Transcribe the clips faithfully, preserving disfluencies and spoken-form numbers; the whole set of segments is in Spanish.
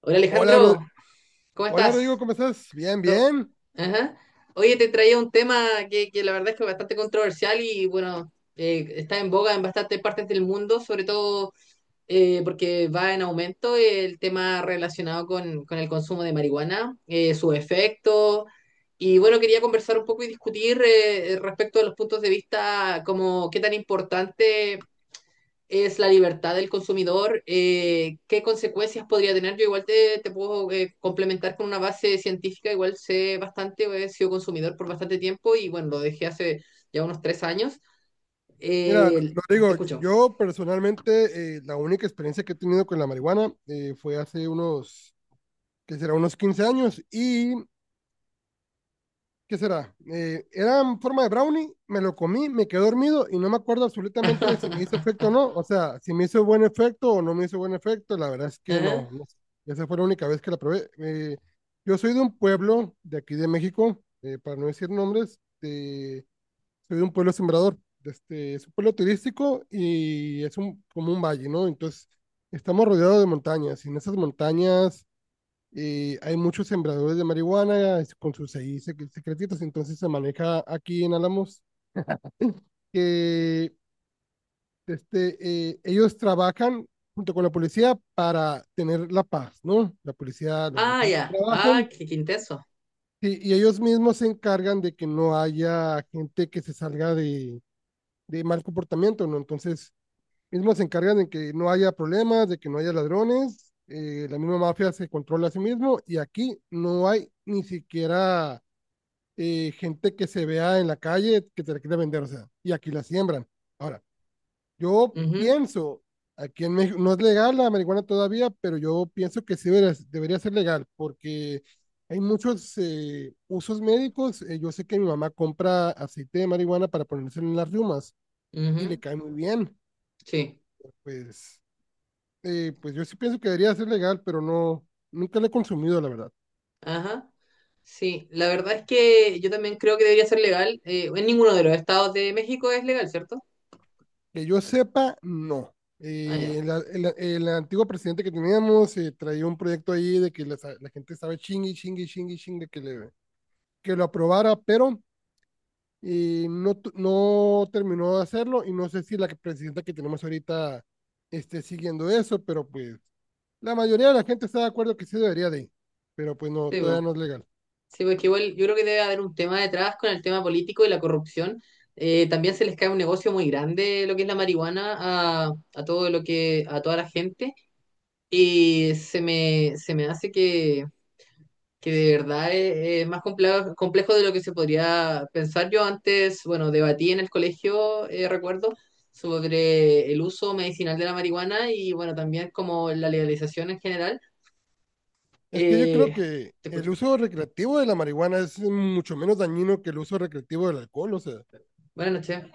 Hola Hola, Ro- Alejandro, ¿cómo hola Rodrigo, estás? ¿cómo estás? Bien, To- bien. Ajá. Oye, te traía un tema que, que la verdad es que es bastante controversial y bueno, eh, está en boga en bastantes partes del mundo, sobre todo eh, porque va en aumento el tema relacionado con, con el consumo de marihuana, eh, su efecto. Y bueno, quería conversar un poco y discutir eh, respecto a los puntos de vista, como qué tan importante es la libertad del consumidor, eh, qué consecuencias podría tener. Yo igual te, te puedo eh, complementar con una base científica, igual sé bastante, he sido consumidor por bastante tiempo y bueno, lo dejé hace ya unos tres años. Mira, Ro- Eh, te Rodrigo, yo escucho. yo personalmente eh, la única experiencia que he tenido con la marihuana eh, fue hace unos, ¿qué será? Unos quince años y, ¿qué será? Eh, era en forma de brownie, me lo comí, me quedé dormido y no me acuerdo absolutamente si me hizo efecto o no. O sea, si me hizo buen efecto o no me hizo buen efecto, la verdad es que ¿Eh? no, no sé. Esa fue la única vez que la probé. Eh, yo soy de un pueblo de aquí de México, eh, para no decir nombres. Soy de un pueblo sembrador. Este, es un pueblo turístico y es un, como un valle, ¿no? Entonces, estamos rodeados de montañas y en esas montañas eh, hay muchos sembradores de marihuana es- con sus ahí sec- secretitos. Entonces, se maneja aquí en Álamos que este, eh, ellos trabajan junto con la policía para tener la paz, ¿no? La policía los Ah, dejan que ya. Ah, trabajen qué, qué intenso. sí, y ellos mismos se encargan de que no haya gente que se salga de, de mal comportamiento, ¿no? Entonces mismos se encargan de que no haya problemas, de que no haya ladrones, eh, la misma mafia se controla a sí mismo y aquí no hay ni siquiera eh, gente que se vea en la calle que te la quiera vender, o sea, y aquí la siembran. Ahora, yo Ujú, pienso, aquí en México no es legal la marihuana todavía, pero yo pienso que sí debería, debería ser legal porque hay muchos eh, usos médicos. Eh, yo sé que mi mamá compra aceite de marihuana para ponerse en las riumas y le ujú. cae muy bien. Sí. Pues eh, pues yo sí pienso que debería ser legal, pero no, nunca la he consumido, la verdad. Ajá. Sí, la verdad es que yo también creo que debería ser legal. Eh, en ninguno de los estados de México es legal, ¿cierto? Que yo sepa, no. Ah, ya. Eh, la- el, el antiguo presidente que teníamos eh, traía un proyecto ahí de que la, la gente estaba chingue, chingue, chingue, chingue que, le, que lo aprobara, pero eh, no, tu- no terminó de hacerlo y no sé si la que- presidenta que tenemos ahorita esté siguiendo eso, pero pues la mayoría de la gente está de acuerdo que sí debería de, pero pues no, Sí, pues. todavía no es legal. Sí, porque igual yo creo que debe haber un tema detrás con el tema político y la corrupción. Eh, también se les cae un negocio muy grande lo que es la marihuana a, a todo lo que, a toda la gente. Y se me, se me hace que, que, de verdad es, es más complejo, complejo de lo que se podría pensar. Yo antes, bueno, debatí en el colegio, eh, recuerdo, sobre el uso medicinal de la marihuana y bueno, también como la legalización en general. Es que yo creo Eh, que te el escucho. uso recreativo de la marihuana es mucho menos dañino que el uso recreativo del alcohol, o sea, Buenas noches.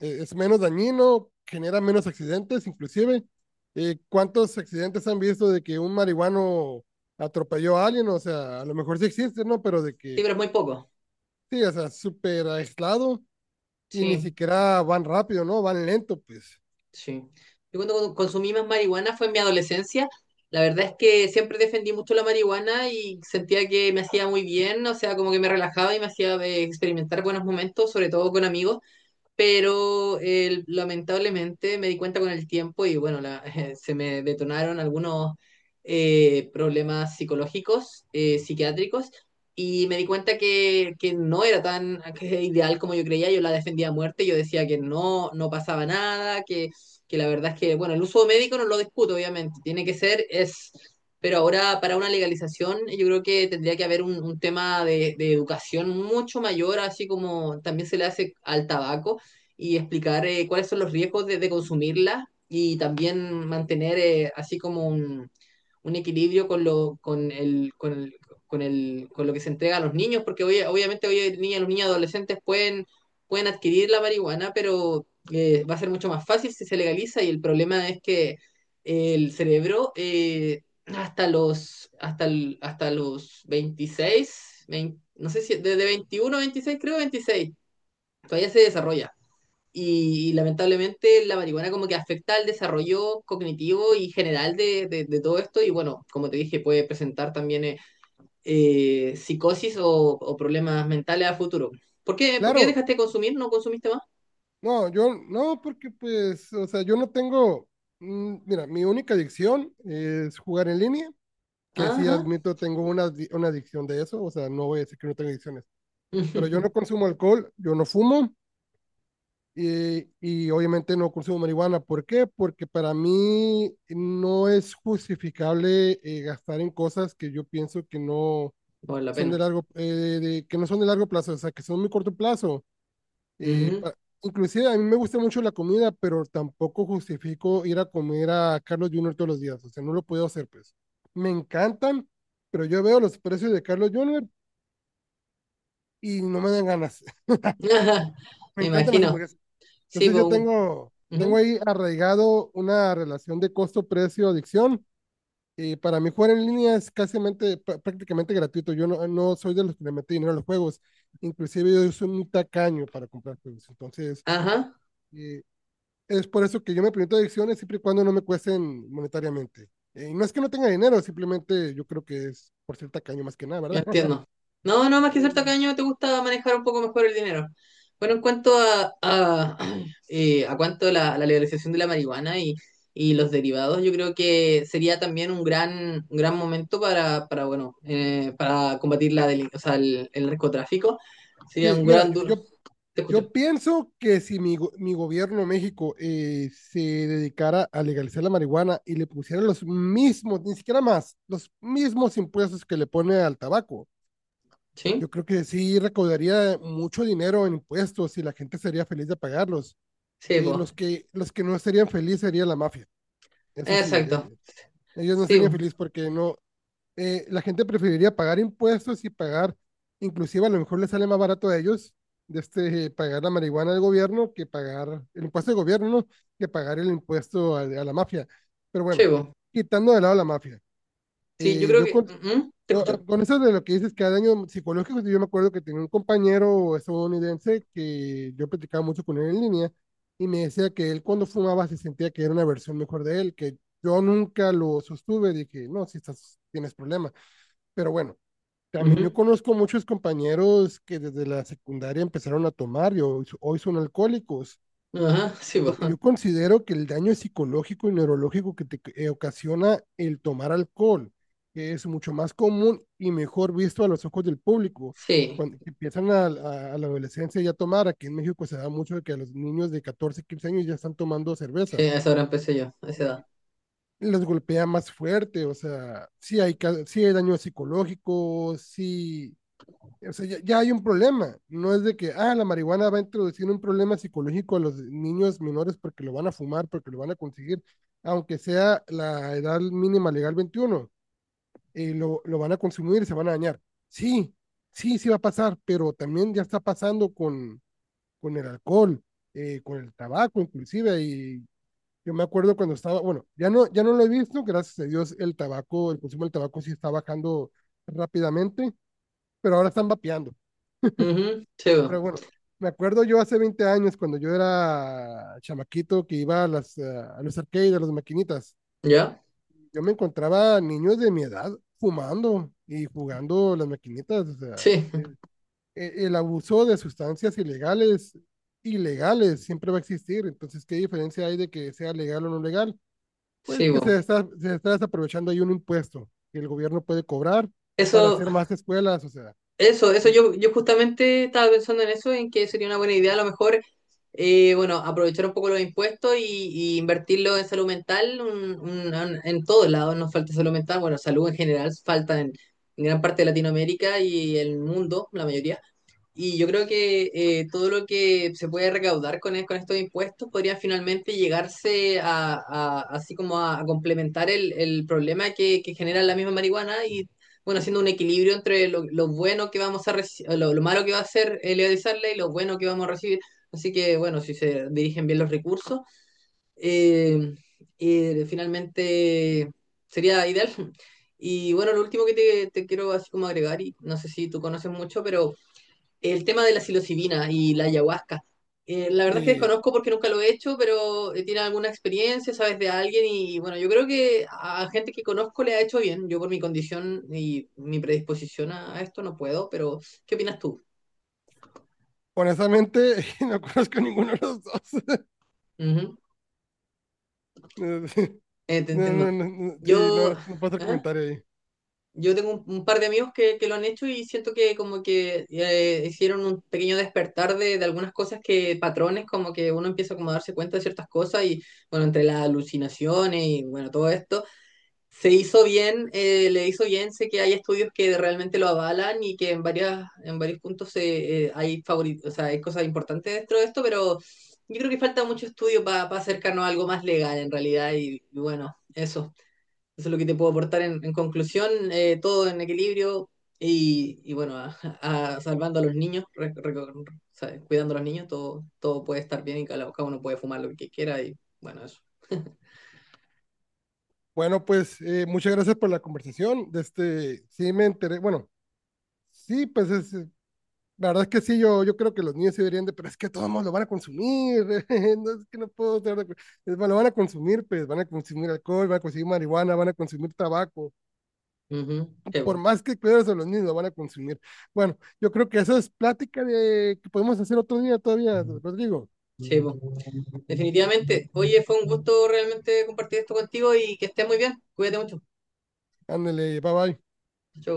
eh, es menos dañino, genera menos accidentes, inclusive. Eh, ¿cuántos accidentes han visto de que un marihuano atropelló a alguien? O sea, a lo mejor sí existe, ¿no? Pero de Sí, que, pero es muy poco. sí, o sea, súper aislado y ni Sí. siquiera van rápido, ¿no? Van lento, pues. Sí. Yo cuando consumí más marihuana fue en mi adolescencia. La verdad es que siempre defendí mucho la marihuana y sentía que me hacía muy bien, o sea, como que me relajaba y me hacía eh, experimentar buenos momentos, sobre todo con amigos pero eh, lamentablemente me di cuenta con el tiempo y bueno, la- se me detonaron algunos eh, problemas psicológicos, eh, psiquiátricos, y me di cuenta que, que, no era tan que ideal como yo creía, yo la defendía a muerte, yo decía que no, no pasaba nada, que, que la verdad es que, bueno, el uso médico no lo discuto, obviamente, tiene que ser, es... Pero ahora para una legalización yo creo que tendría que haber un, un tema de, de educación mucho mayor, así como también se le hace al tabaco y explicar eh, cuáles son los riesgos de, de consumirla y también mantener eh, así como un, un equilibrio con lo, con el, con el, con el, con lo que se entrega a los niños, porque hoy, obviamente hoy niñas, los niños adolescentes pueden, pueden adquirir la marihuana, pero eh, va a ser mucho más fácil si se legaliza y el problema es que el cerebro eh, hasta los hasta, el- hasta los veintiséis vein- no sé si desde veintiuno a veintiséis, creo veintiséis todavía se desarrolla. Y, lamentablemente la marihuana como que afecta al desarrollo cognitivo y general de, de- de todo esto y bueno, como te dije, puede presentar también eh, eh, psicosis o, o problemas mentales a futuro. ¿Por qué, por qué Claro, dejaste de consumir? ¿No consumiste más? no, yo no, porque pues, o sea, yo no tengo, mm, mira, mi única adicción es jugar en línea que sí Ajá. admito, tengo una, una adicción de eso, o sea, no voy a decir que no tengo adicciones, pero yo no consumo alcohol, yo no fumo y, y obviamente no consumo marihuana. ¿Por qué? Porque para mí no es justificable eh, gastar en cosas que yo pienso que no Por la son de pena. largo, eh, de- que no son de largo plazo, o sea, que son muy corto plazo eh, Ujú. pa- inclusive a mí me gusta mucho la comida, pero tampoco justifico ir a comer a Carlos Junior todos los días. O sea, no lo puedo hacer, pues. Me encantan, pero yo veo los precios de Carlos Junior y no me dan ganas. Ajá. Me Me encantan las imagino. hamburguesas. Sí, Entonces pues yo un- tengo, tengo ujú. ahí arraigado una relación de costo-precio-adicción. Y para mí jugar en línea es casi prácticamente gratuito. Yo no, no soy de los que le mete dinero a los juegos. Inclusive yo soy muy tacaño para comprar juegos. Entonces, Ajá. eh, es por eso que yo me permito adicciones siempre y cuando no me cuesten monetariamente. Eh, no es que no tenga dinero, simplemente yo creo que es por cierta caño más que nada, Yo ¿verdad? entiendo. No, no, más que cierto que año te gusta manejar un poco mejor el dinero. Bueno, en cuanto a, a, eh, a cuanto a la, la legalización de la marihuana y, y los derivados, yo creo que sería también un gran, un gran momento para, para bueno, eh, para combatir la delin- o sea, el, el narcotráfico. Sería Sí, un mira, gran yo, duro. yo, Te escucho. yo pienso que si mi, go- mi gobierno México eh, se dedicara a legalizar la marihuana y le pusiera los mismos, ni siquiera más, los mismos impuestos que le pone al tabaco, yo ¿Sí? creo que sí recaudaría mucho dinero en impuestos y la gente sería feliz de pagarlos. Sí, Eh, pues. los que, los que no serían felices sería la mafia. Eso sí, eh, Exacto. ellos no Sí, serían po. felices porque no, eh, la gente preferiría pagar impuestos y pagar, inclusive a lo mejor les sale más barato a ellos de este, pagar la marihuana del gobierno que pagar el impuesto del gobierno, ¿no? Que pagar el impuesto a, a la mafia. Pero Sí, bueno, po. quitando de lado la mafia, Sí, yo eh, creo yo que. con- eh, ¿Mm? Te escucho. eh, con eso de lo que dices que hay daños psicológicos, yo me acuerdo que tenía un compañero estadounidense que yo platicaba mucho con él en línea y me decía que él cuando fumaba se sentía que era una versión mejor de él, que yo nunca lo sostuve, dije, no, si estás, tienes problema. Pero bueno, también yo conozco muchos compañeros que desde la secundaria empezaron a tomar y hoy, hoy son alcohólicos. Ujú. Ajá, sí, pues. Yo, yo considero que el daño psicológico y neurológico que te eh, ocasiona el tomar alcohol, que es mucho más común y mejor visto a los ojos del público. Sí. Cuando empiezan a, a- a la adolescencia ya a tomar, aquí en México se da mucho de que a los niños de catorce quince años ya están tomando Sí, cerveza. a esa hora empecé yo, a esa edad. Eh, los golpea más fuerte, o sea, sí hay, ca- sí hay daño psicológico, sí, o sea, ya, ya hay un problema. No es de que, ah, la marihuana va a introducir un problema psicológico a los niños menores porque lo van a fumar, porque lo van a conseguir, aunque sea la edad mínima legal veintiuno, eh, lo, lo van a consumir y se van a dañar. Sí, sí, sí va a pasar, pero también ya está pasando con, con el alcohol, eh, con el tabaco inclusive, y yo me acuerdo cuando estaba, bueno, ya no, ya no lo he visto, gracias a Dios el tabaco, el consumo del tabaco sí está bajando rápidamente, pero ahora están vapeando. Ujú, sí, bo. Pero bueno, me acuerdo yo hace veinte años cuando yo era chamaquito que iba a, las, eh, a los arcades, a las maquinitas. ¿Ya? Yo me encontraba niños de mi edad fumando y jugando las maquinitas. O sea, Sí, el, el el abuso de sustancias ilegales, ilegales, siempre va a existir. Entonces, ¿qué diferencia hay de que sea legal o no legal? Pues sí, que bo. se está, se está desaprovechando ahí un impuesto que el gobierno puede cobrar para Eso, hacer más escuelas. O sea, eso, eso yo, yo justamente estaba pensando en eso, en que sería una buena idea a lo mejor, eh, bueno, aprovechar un poco los impuestos y, y invertirlo en salud mental, un- un- un- en todos lados nos falta salud mental, bueno, salud en general falta en, en gran parte de Latinoamérica y el mundo, la mayoría. Y yo creo que eh, todo lo que se puede recaudar con, e- con estos impuestos podría finalmente llegarse a, a- así como a, a complementar el, el problema que, que genera la misma marihuana y bueno, haciendo un equilibrio entre lo, lo bueno que vamos a reci- lo, lo malo que va a ser eh, legalizarla y lo bueno que vamos a recibir. Así que bueno, si se dirigen bien los recursos, eh, eh, finalmente sería ideal. Y bueno, lo último que te, te quiero así como agregar, y no sé si tú conoces mucho, pero el tema de la psilocibina y la ayahuasca. Eh, la verdad es que eh, desconozco porque nunca lo he hecho, pero eh, tiene alguna experiencia, sabes de alguien y bueno, yo creo que a gente que conozco le ha hecho bien. Yo por mi condición y mi predisposición a, a esto no puedo, pero ¿qué opinas tú? honestamente, no conozco ninguno de los dos. Ujú. Eh, te No, entiendo. no, no, no, sí, no, Yo... no puedo hacer ajá. comentario ahí. Yo tengo un, un par de amigos que, que, lo han hecho y siento que como que eh, hicieron un pequeño despertar de, de algunas cosas que, patrones, como que uno empieza como a darse cuenta de ciertas cosas y bueno, entre las alucinaciones y bueno, todo esto, se hizo bien, eh, le hizo bien, sé que hay estudios que realmente lo avalan y que en varias, en varios puntos se, eh, hay favori- o sea, hay cosas importantes dentro de esto, pero yo creo que falta mucho estudio para acercarnos a algo más legal en realidad y y bueno, eso. Eso es lo que te puedo aportar en, en conclusión, eh, todo en equilibrio y, y bueno, a- a- salvando a los niños, re- reco- o sea, cuidando a los niños, todo, todo puede estar bien y cada, cada uno puede fumar lo que quiera y bueno, eso. Bueno, pues eh, muchas gracias por la conversación. De este, sí me enteré, bueno, sí, pues es, eh, la verdad es que sí, yo, yo creo que los niños se deberían de, pero es que todos lo van a consumir, no es que no puedo estar de acuerdo. Es, bueno, lo van a consumir, pues van a consumir alcohol, van a consumir marihuana, van a consumir tabaco. Ujú, sí, Por po, más que cuides a los niños, lo van a consumir. Bueno, yo creo que eso es plática de que podemos hacer otro día todavía, Rodrigo. sí, po. Definitivamente. Oye, fue un gusto realmente compartir esto contigo y que estés muy bien. Cuídate mucho. Ándale, bye bye. Chau.